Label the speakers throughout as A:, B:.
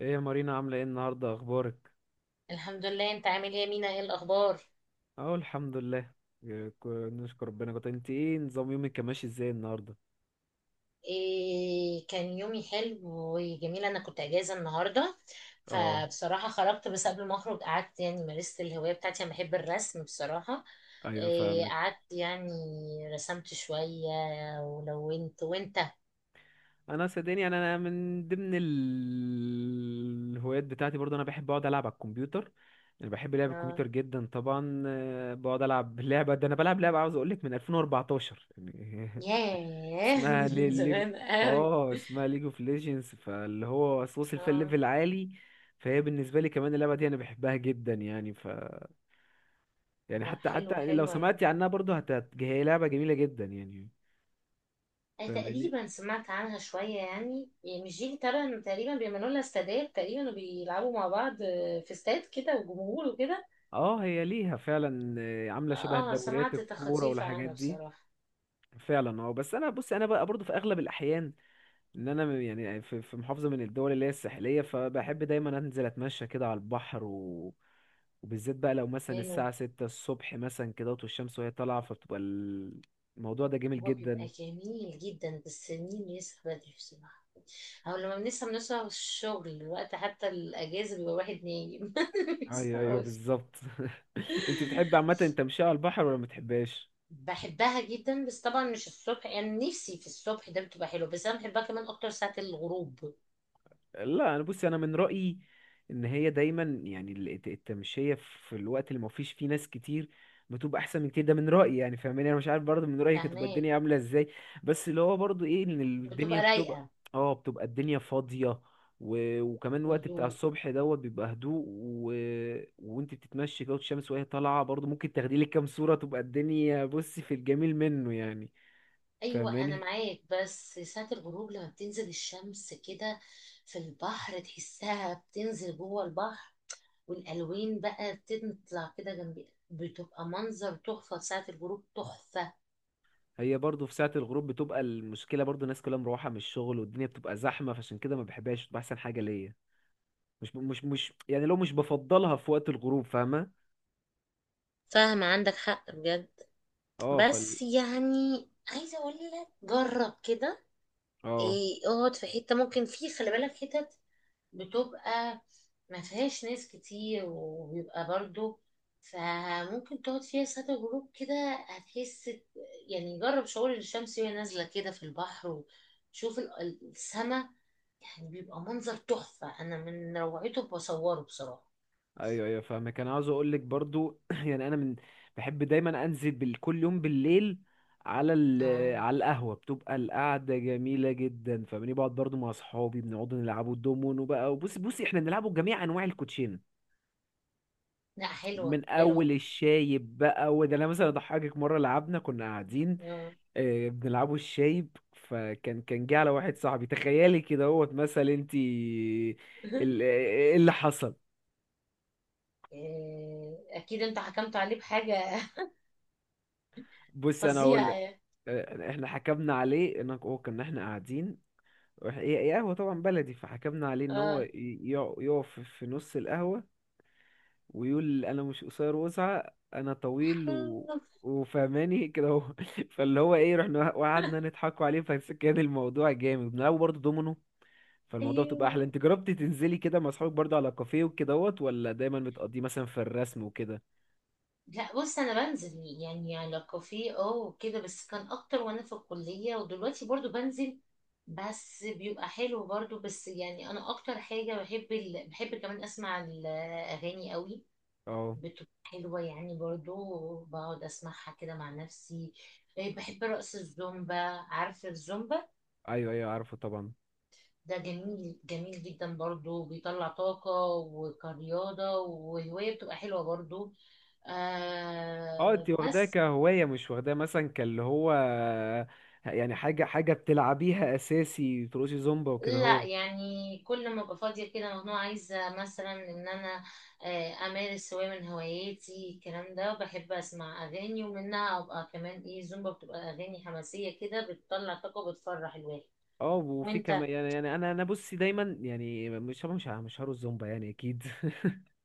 A: ايه يا مارينا عاملة ايه النهاردة اخبارك؟
B: الحمد لله. انت عامل ايه يا مينا؟ ايه الاخبار؟
A: اه الحمد لله. إيه، نشكر ربنا. كنت انت ايه نظام يومك كان ماشي ازاي النهاردة؟
B: إيه، كان يومي حلو وجميل. انا كنت اجازه النهارده،
A: اه
B: فبصراحه خرجت. بس قبل ما اخرج قعدت، يعني مارست الهوايه بتاعتي. انا بحب الرسم بصراحه.
A: ايوه
B: إيه
A: فاهمك.
B: قعدت يعني، رسمت شويه ولونت. وانت؟
A: انا صدقني يعني انا من ضمن الهوايات بتاعتي برضه انا بحب اقعد العب على الكمبيوتر. انا بحب لعب
B: اه،
A: الكمبيوتر جدا طبعا آه، بقعد العب لعبة ده، انا بلعب لعبة عاوز اقولك من 2014 يعني،
B: ياه
A: اسمها
B: دي
A: لي
B: من
A: ليجو،
B: زمان قوي.
A: اه اسمها ليج اوف ليجندز، فاللي هو أصل وصل فيها
B: اه،
A: الليفل عالي. فهي بالنسبه لي كمان اللعبه دي انا بحبها جدا يعني، ف يعني
B: لا
A: حتى
B: حلوه
A: حتى لو
B: حلوه يعني.
A: سمعتي عنها برضه هي لعبه جميله جدا يعني، فاهماني؟
B: تقريبا سمعت عنها شوية يعني. يعني مش دي تقريبا تقريبا بيعملوا لها استادات تقريبا وبيلعبوا مع بعض، في استاد كده وجمهور وكده.
A: اه هي ليها فعلا آه، عامله شبه
B: اه،
A: دوريات
B: سمعت
A: الكوره
B: تخطيف
A: والحاجات
B: عنها
A: دي.
B: بصراحة.
A: فعلا اه. بس انا بص انا بقى برضه في اغلب الاحيان ان انا يعني آه، في محافظه من الدول اللي هي الساحليه، فبحب دايما انزل اتمشى كده على البحر وبالذات بقى لو مثلا
B: حلوة.
A: الساعه ستة الصبح مثلا كده والشمس وهي طالعه، فبتبقى الموضوع ده جميل
B: هو بيبقى
A: جدا.
B: جميل جدا، بس مين يصحى بدري بصراحة؟ أو لما بنصحى بنصحى الشغل الوقت، حتى الأجازة بيبقى واحد نايم
A: ايوه ايوه
B: مبيصحاش.
A: بالظبط. انت بتحب عامه التمشية على البحر ولا ما بتحبهاش؟
B: بحبها جدا، بس طبعا مش الصبح. يعني نفسي في الصبح، ده بتبقى حلوة، بس أنا بحبها كمان أكتر ساعة الغروب.
A: لا انا بصي، انا من رأيي ان هي دايما يعني التمشية في الوقت اللي ما فيش فيه ناس كتير بتبقى احسن من كتير ده، من رأيي يعني، فاهماني؟ انا مش عارف برضه من رأيك هتبقى
B: فاهمة.
A: الدنيا عاملة ازاي. بس اللي هو برضه ايه ان الدنيا
B: بتبقى
A: بتبقى،
B: رايقة.
A: اه بتبقى الدنيا فاضية، وكمان الوقت بتاع
B: وهدوء.
A: الصبح دوت بيبقى هدوء وانت بتتمشي كده والشمس وهي طالعة، برضه ممكن تاخدي لك كام صورة، تبقى الدنيا بصي في الجميل منه يعني،
B: ايوه انا
A: فاهماني؟
B: معاك، بس ساعة الغروب لما بتنزل الشمس كده في البحر تحسها بتنزل جوه البحر، والالوان بقى بتطلع كده جنبي، بتبقى منظر تحفة في ساعة الغروب، تحفة.
A: هي برضو في ساعة الغروب بتبقى المشكلة برضو الناس كلها مروحة من الشغل والدنيا بتبقى زحمة، فعشان كده ما بحبهاش، بتبقى أحسن حاجة ليا. مش يعني لو مش بفضلها في وقت الغروب، فاهمة؟
B: فاهمة، عندك حق بجد.
A: اه فال
B: بس يعني عايزة اقول لك جرب كده،
A: اه.
B: ايه اقعد في حتة ممكن، في خلي بالك حتت بتبقى ما فيهاش ناس كتير وبيبقى برضو، فممكن تقعد فيها ساعة غروب كده. هتحس يعني، جرب شعور الشمس وهي نازلة كده في البحر، وشوف السما. يعني بيبقى منظر تحفة، أنا من روعته بصوره بصراحة.
A: ايوه ايوه فاهمة. كان عاوز اقول لك برضو يعني انا من، بحب دايما انزل كل يوم بالليل على
B: آه.
A: على القهوة، بتبقى القعدة جميلة جدا، فاهماني؟ بقعد برضو مع اصحابي، بنقعد نلعبوا الدومون وبقى وبصي بصي احنا بنلعبوا جميع انواع الكوتشين،
B: لا حلوة
A: من اول
B: حلوة.
A: الشايب بقى. وده انا مثلا اضحكك مره، لعبنا كنا قاعدين
B: آه.
A: آه، بنلعبوا الشايب، فكان كان جه على واحد صاحبي، تخيلي كده اهوت مثلا انت ايه اللي حصل.
B: آه، أكيد أنت حكمت عليه بحاجة.
A: بص انا اقول
B: فظيعة
A: لك،
B: يعني.
A: آه، احنا حكمنا عليه ان هو كنا احنا قاعدين، هي قهوه طبعا بلدي، فحكمنا عليه ان هو
B: اه.
A: يقف في نص القهوه ويقول انا مش قصير وسعة انا طويل وفهماني كده هو فاللي هو ايه رحنا وقعدنا نضحكوا عليه، فكان الموضوع جامد. بنلعبوا برضه دومينو، فالموضوع بتبقى احلى.
B: أيوه.
A: انت جربتي تنزلي كده مع اصحابك برضه على كافيه وكدهوت ولا دايما بتقضيه مثلا في الرسم وكده؟
B: لا بص، انا بنزل يعني على كافيه اه وكده، بس كان اكتر وانا في الكليه، ودلوقتي برضو بنزل. بس بيبقى حلو برضو. بس يعني انا اكتر حاجه بحب بحب كمان اسمع الاغاني قوي.
A: اه
B: بتبقى حلوه يعني، برضو بقعد اسمعها كده مع نفسي. إيه، بحب رقص الزومبا. عارف الزومبا؟
A: ايوه ايوه عارفه طبعا.
B: ده جميل، جميل جدا برضو. بيطلع طاقه وكرياضه، وهوايه بتبقى حلوه برضو.
A: اه
B: آه
A: انت واخداها
B: بس.
A: كهوايه مش واخداها مثلا كاللي هو يعني حاجه بتلعبيها اساسي تروشي زومبا وكده؟
B: لا يعني كل ما ابقى فاضيه كده مجنونه، عايزه مثلا ان انا، امارس هوايه من هواياتي. الكلام ده، بحب اسمع اغاني ومنها ابقى كمان ايه زومبا. بتبقى اغاني حماسيه كده، بتطلع طاقه وبتفرح الواحد.
A: اه وفي
B: وانت؟
A: كمان يعني يعني انا بصي دايما يعني مش هارو الزومبا يعني اكيد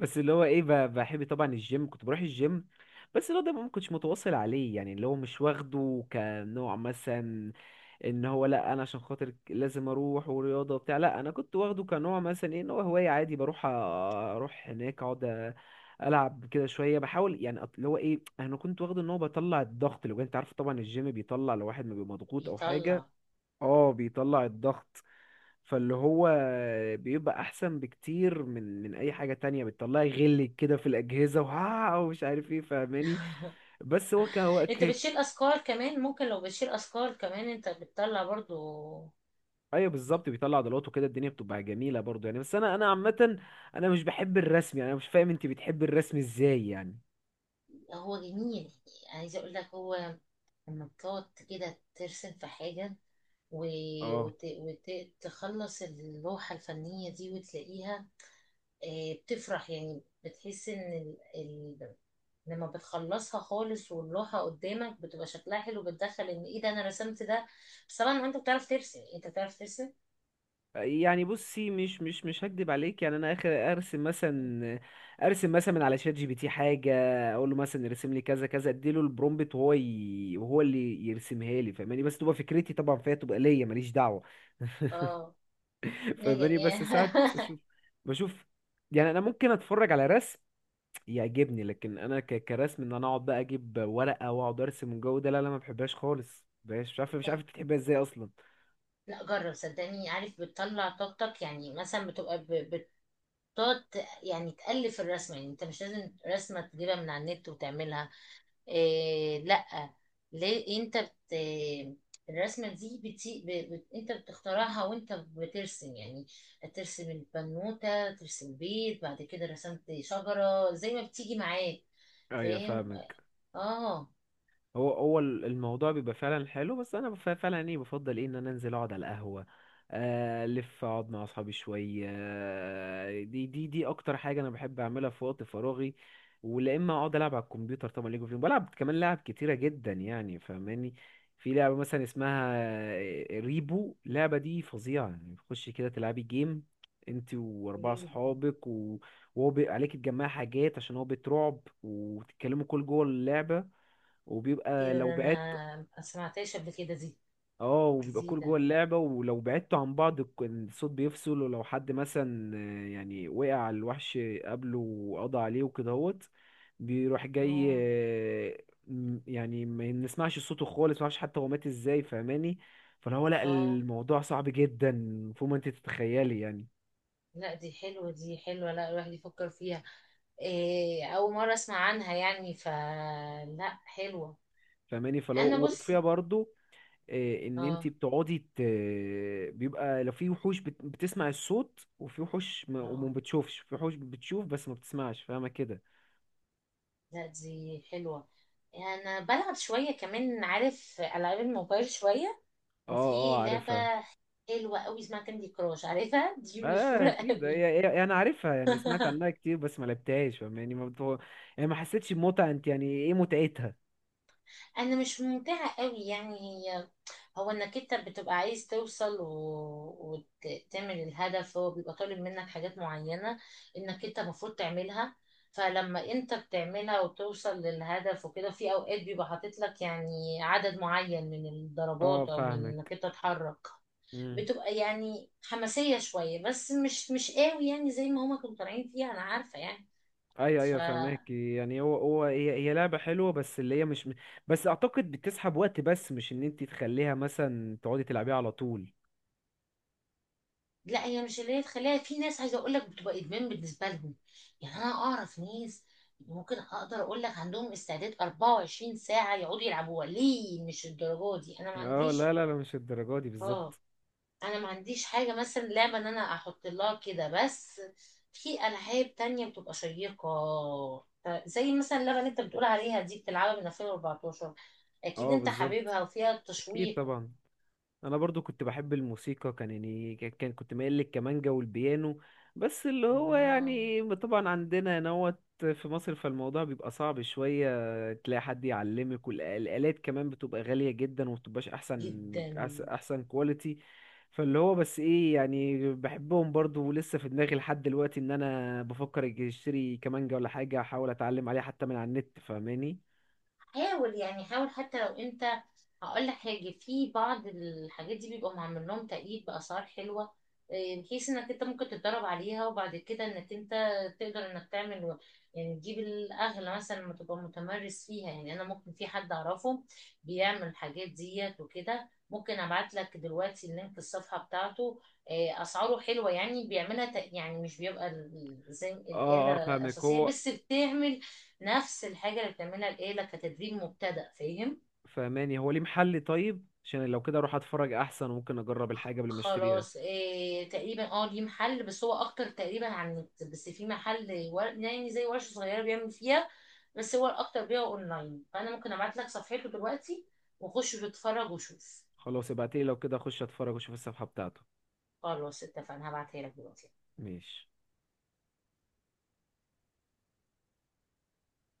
A: بس اللي هو ايه بحب طبعا الجيم، كنت بروح الجيم، بس اللي هو ده ما كنتش متواصل عليه، يعني اللي هو مش واخده كنوع مثلا ان هو لا انا عشان خاطر لازم اروح ورياضه وبتاع، لا انا كنت واخده كنوع مثلا ايه ان هو هوايه عادي، بروح اروح هناك اقعد العب كده شويه، بحاول يعني اللي هو ايه انا كنت واخده ان هو بطلع الضغط اللي جوايا. انت عارف طبعا الجيم بيطلع، لو واحد ما بيبقى مضغوط او
B: بيطلع.
A: حاجه، اه بيطلع الضغط، فاللي هو بيبقى احسن بكتير من اي حاجه تانية، بتطلعي غل كده في الاجهزه وها ومش عارف ايه، فاهماني؟ بس هو ك
B: انت بتشيل افكار كمان، ممكن لو بتشيل افكار كمان انت بتطلع برضو.
A: ايوه بالظبط، بيطلع عضلات وكده الدنيا بتبقى جميله برضو يعني. بس انا انا عامه انا مش بحب الرسم يعني، انا مش فاهم انت بتحب الرسم ازاي يعني.
B: هو جميل. عايزه اقول لك، هو لما بتقعد كده ترسم في حاجه،
A: اه
B: وتخلص اللوحة الفنية دي وتلاقيها، بتفرح يعني. بتحس ان لما بتخلصها خالص واللوحة قدامك بتبقى شكلها حلو، بتدخل ان ايه ده انا رسمت ده. بس طبعا انت بتعرف ترسم، انت بتعرف ترسم.
A: يعني بصي مش هكدب عليك يعني، انا اخر ارسم مثلا ارسم مثلا من على شات جي بي تي حاجه، اقول له مثلا ارسم لي كذا كذا، اديله البرومبت وهو وهو اللي يرسمها لي، فاهماني؟ بس تبقى فكرتي طبعا فيها، تبقى ليا ماليش دعوه
B: اه. لا
A: فاهماني؟
B: يعني.
A: بس ساعات اشوف بشوف، يعني انا ممكن اتفرج على رسم يعجبني، لكن انا كرسم ان انا اقعد بقى اجيب ورقه واقعد ارسم والجو ده، لا لا ما بحبهاش خالص، مبحبهاش. مش عارف مش عارف انت بتحبها ازاي اصلا.
B: لا جرب صدقني، عارف بتطلع طاقتك يعني. مثلا بتقعد يعني تألف الرسمة، يعني انت مش لازم رسمة تجيبها من على النت وتعملها. إيه لا، ليه انت بت، الرسمه دي بتي... ب... بت... انت بتخترعها وانت بترسم يعني. ترسم البنوته، ترسم بيت، بعد كده رسمت شجره زي ما بتيجي معاك.
A: ايوه
B: فاهم.
A: فاهمك.
B: اه.
A: هو الموضوع بيبقى فعلا حلو، بس انا فعلا ايه بفضل ايه ان انا انزل اقعد على القهوه آه، الف اقعد مع اصحابي شويه آه، دي اكتر حاجه انا بحب اعملها في وقت فراغي، ولا اما اقعد العب على الكمبيوتر طبعا ليجو اوف، بلعب كمان لعب كتيره جدا يعني، فاهماني؟ في لعبه مثلا اسمها آه، ريبو، اللعبه دي فظيعه يعني، بتخشي كده تلعبي جيم انت واربعه
B: قوليلي.
A: اصحابك وهو عليك تجمعي حاجات، عشان هو بيت رعب، وتتكلموا كل جوه اللعبه،
B: ايه
A: وبيبقى
B: ده؟
A: لو بعدت،
B: انا ما سمعتهاش قبل كده دي.
A: اه وبيبقى كل
B: جديده.
A: جوه اللعبة، ولو بعدتوا عن بعض الصوت بيفصل، ولو حد مثلا آه، يعني وقع على الوحش قبله وقضى عليه وكدهوت، بيروح جاي
B: اه.
A: آه، يعني ما نسمعش صوته خالص، ما نعرفش حتى هو مات ازاي، فاهماني؟ فلو هو لا
B: اه
A: الموضوع صعب جدا فوق ما انت تتخيلي يعني.
B: لا، دي حلوه دي حلوه. لا الواحد يفكر فيها. إيه اول مره اسمع عنها يعني، فلا حلوه.
A: فاهماني؟ فلو
B: انا بص.
A: وفيها برضو آه، ان انت
B: اه.
A: بيبقى لو في وحوش بتسمع الصوت، وفي وحوش ما... وما
B: اه
A: بتشوفش، في وحوش بتشوف بس ما بتسمعش، فاهمه كده؟
B: لا، دي حلوة. أنا بلعب شوية كمان، عارف ألعاب الموبايل شوية.
A: اه اه
B: وفي لعبة
A: عارفها.
B: حلوة قوي اسمها كاندي كراش. عارفها دي؟
A: اه
B: مشهورة
A: اكيد
B: قوي.
A: انا عارفها يعني، سمعت عنها كتير بس ما لعبتهاش، فاهمة؟ يعني ما بتو... يعني ما حسيتش بمتعه، انت يعني ايه متعتها؟
B: أنا مش ممتعة قوي يعني. هي هو، إنك أنت بتبقى عايز توصل وتعمل الهدف. هو بيبقى طالب منك حاجات معينة إنك أنت المفروض تعملها. فلما أنت بتعملها وتوصل للهدف وكده، في أوقات بيبقى حاطط لك يعني عدد معين من
A: اه
B: الضربات، أو من
A: فاهمك.
B: إنك أنت تتحرك.
A: امم
B: بتبقى يعني حماسية شوية، بس مش مش قوي يعني زي ما هما كانوا طالعين فيها انا عارفة يعني.
A: ايوه
B: ف،
A: ايوه فاهمك يعني هو هو هي هي لعبه حلوه، بس اللي هي مش، بس اعتقد بتسحب وقت بس مش ان انت تخليها مثلا تقعدي تلعبيها على طول.
B: لا هي مش اللي هي تخليها. في ناس عايزة اقول لك بتبقى ادمان بالنسبة لهم. يعني انا اعرف ناس ممكن اقدر اقول لك عندهم استعداد 24 ساعة يقعدوا يلعبوها. ليه؟ مش الدرجة دي، انا ما
A: اه لا
B: عنديش.
A: لا لا مش الدرجة دي
B: اه.
A: بالظبط.
B: انا ما عنديش حاجه مثلا لعبه ان انا احط لها كده، بس في العاب تانية بتبقى شيقه، زي مثلا اللعبه اللي انت بتقول عليها دي بتلعبها من 2014. اكيد
A: اه
B: انت
A: بالظبط
B: حبيبها وفيها
A: اكيد
B: تشويق.
A: طبعا. انا برضو كنت بحب الموسيقى، كان يعني كان كنت مايل للكمانجا والبيانو، بس اللي هو
B: آه،
A: يعني طبعا عندنا نوت في مصر، فالموضوع بيبقى صعب شوية، تلاقي حد يعلمك، والآلات كمان بتبقى غالية جدا ومبتبقاش أحسن
B: جدا.
A: أحسن كواليتي. فاللي هو بس إيه، يعني بحبهم برضو، ولسه في دماغي لحد دلوقتي إن أنا بفكر أجي أشتري كمانجا ولا حاجة، أحاول أتعلم عليها حتى من على النت، فاهماني؟
B: حاول يعني، حاول حتى لو انت، هقول لك حاجة. في بعض الحاجات دي بيبقوا معمول لهم تقييد بأسعار حلوة، إيه، بحيث انك انت ممكن تتدرب عليها، وبعد كده انك انت تقدر انك تعمل، يعني تجيب الاغلى مثلا لما تبقى متمرس فيها. يعني انا ممكن، في حد اعرفه بيعمل الحاجات ديت وكده، ممكن ابعت لك دلوقتي اللينك الصفحة بتاعته. إيه، اسعاره حلوة يعني، بيعملها تق-، يعني مش بيبقى زي
A: اه
B: الآلة
A: اه فاهمك
B: أساسية،
A: هو.
B: بس بتعمل نفس الحاجة اللي بتعملها الآلة كتدريب مبتدئ. فاهم؟
A: فاهماني؟ هو ليه محل؟ طيب عشان لو كده اروح اتفرج احسن، وممكن اجرب الحاجه قبل ما اشتريها.
B: خلاص. إيه تقريبا، اه، ليه محل، بس هو اكتر تقريبا عن النت. بس في محل يعني زي ورشة صغيرة بيعمل فيها، بس هو الاكتر بيها اونلاين. فانا ممكن ابعت لك صفحته دلوقتي، وخش واتفرج وشوف.
A: خلاص ابعتيلي، لو كده اخش اتفرج واشوف الصفحه بتاعته.
B: خلاص اتفقنا، هبعتها لك دلوقتي.
A: ماشي.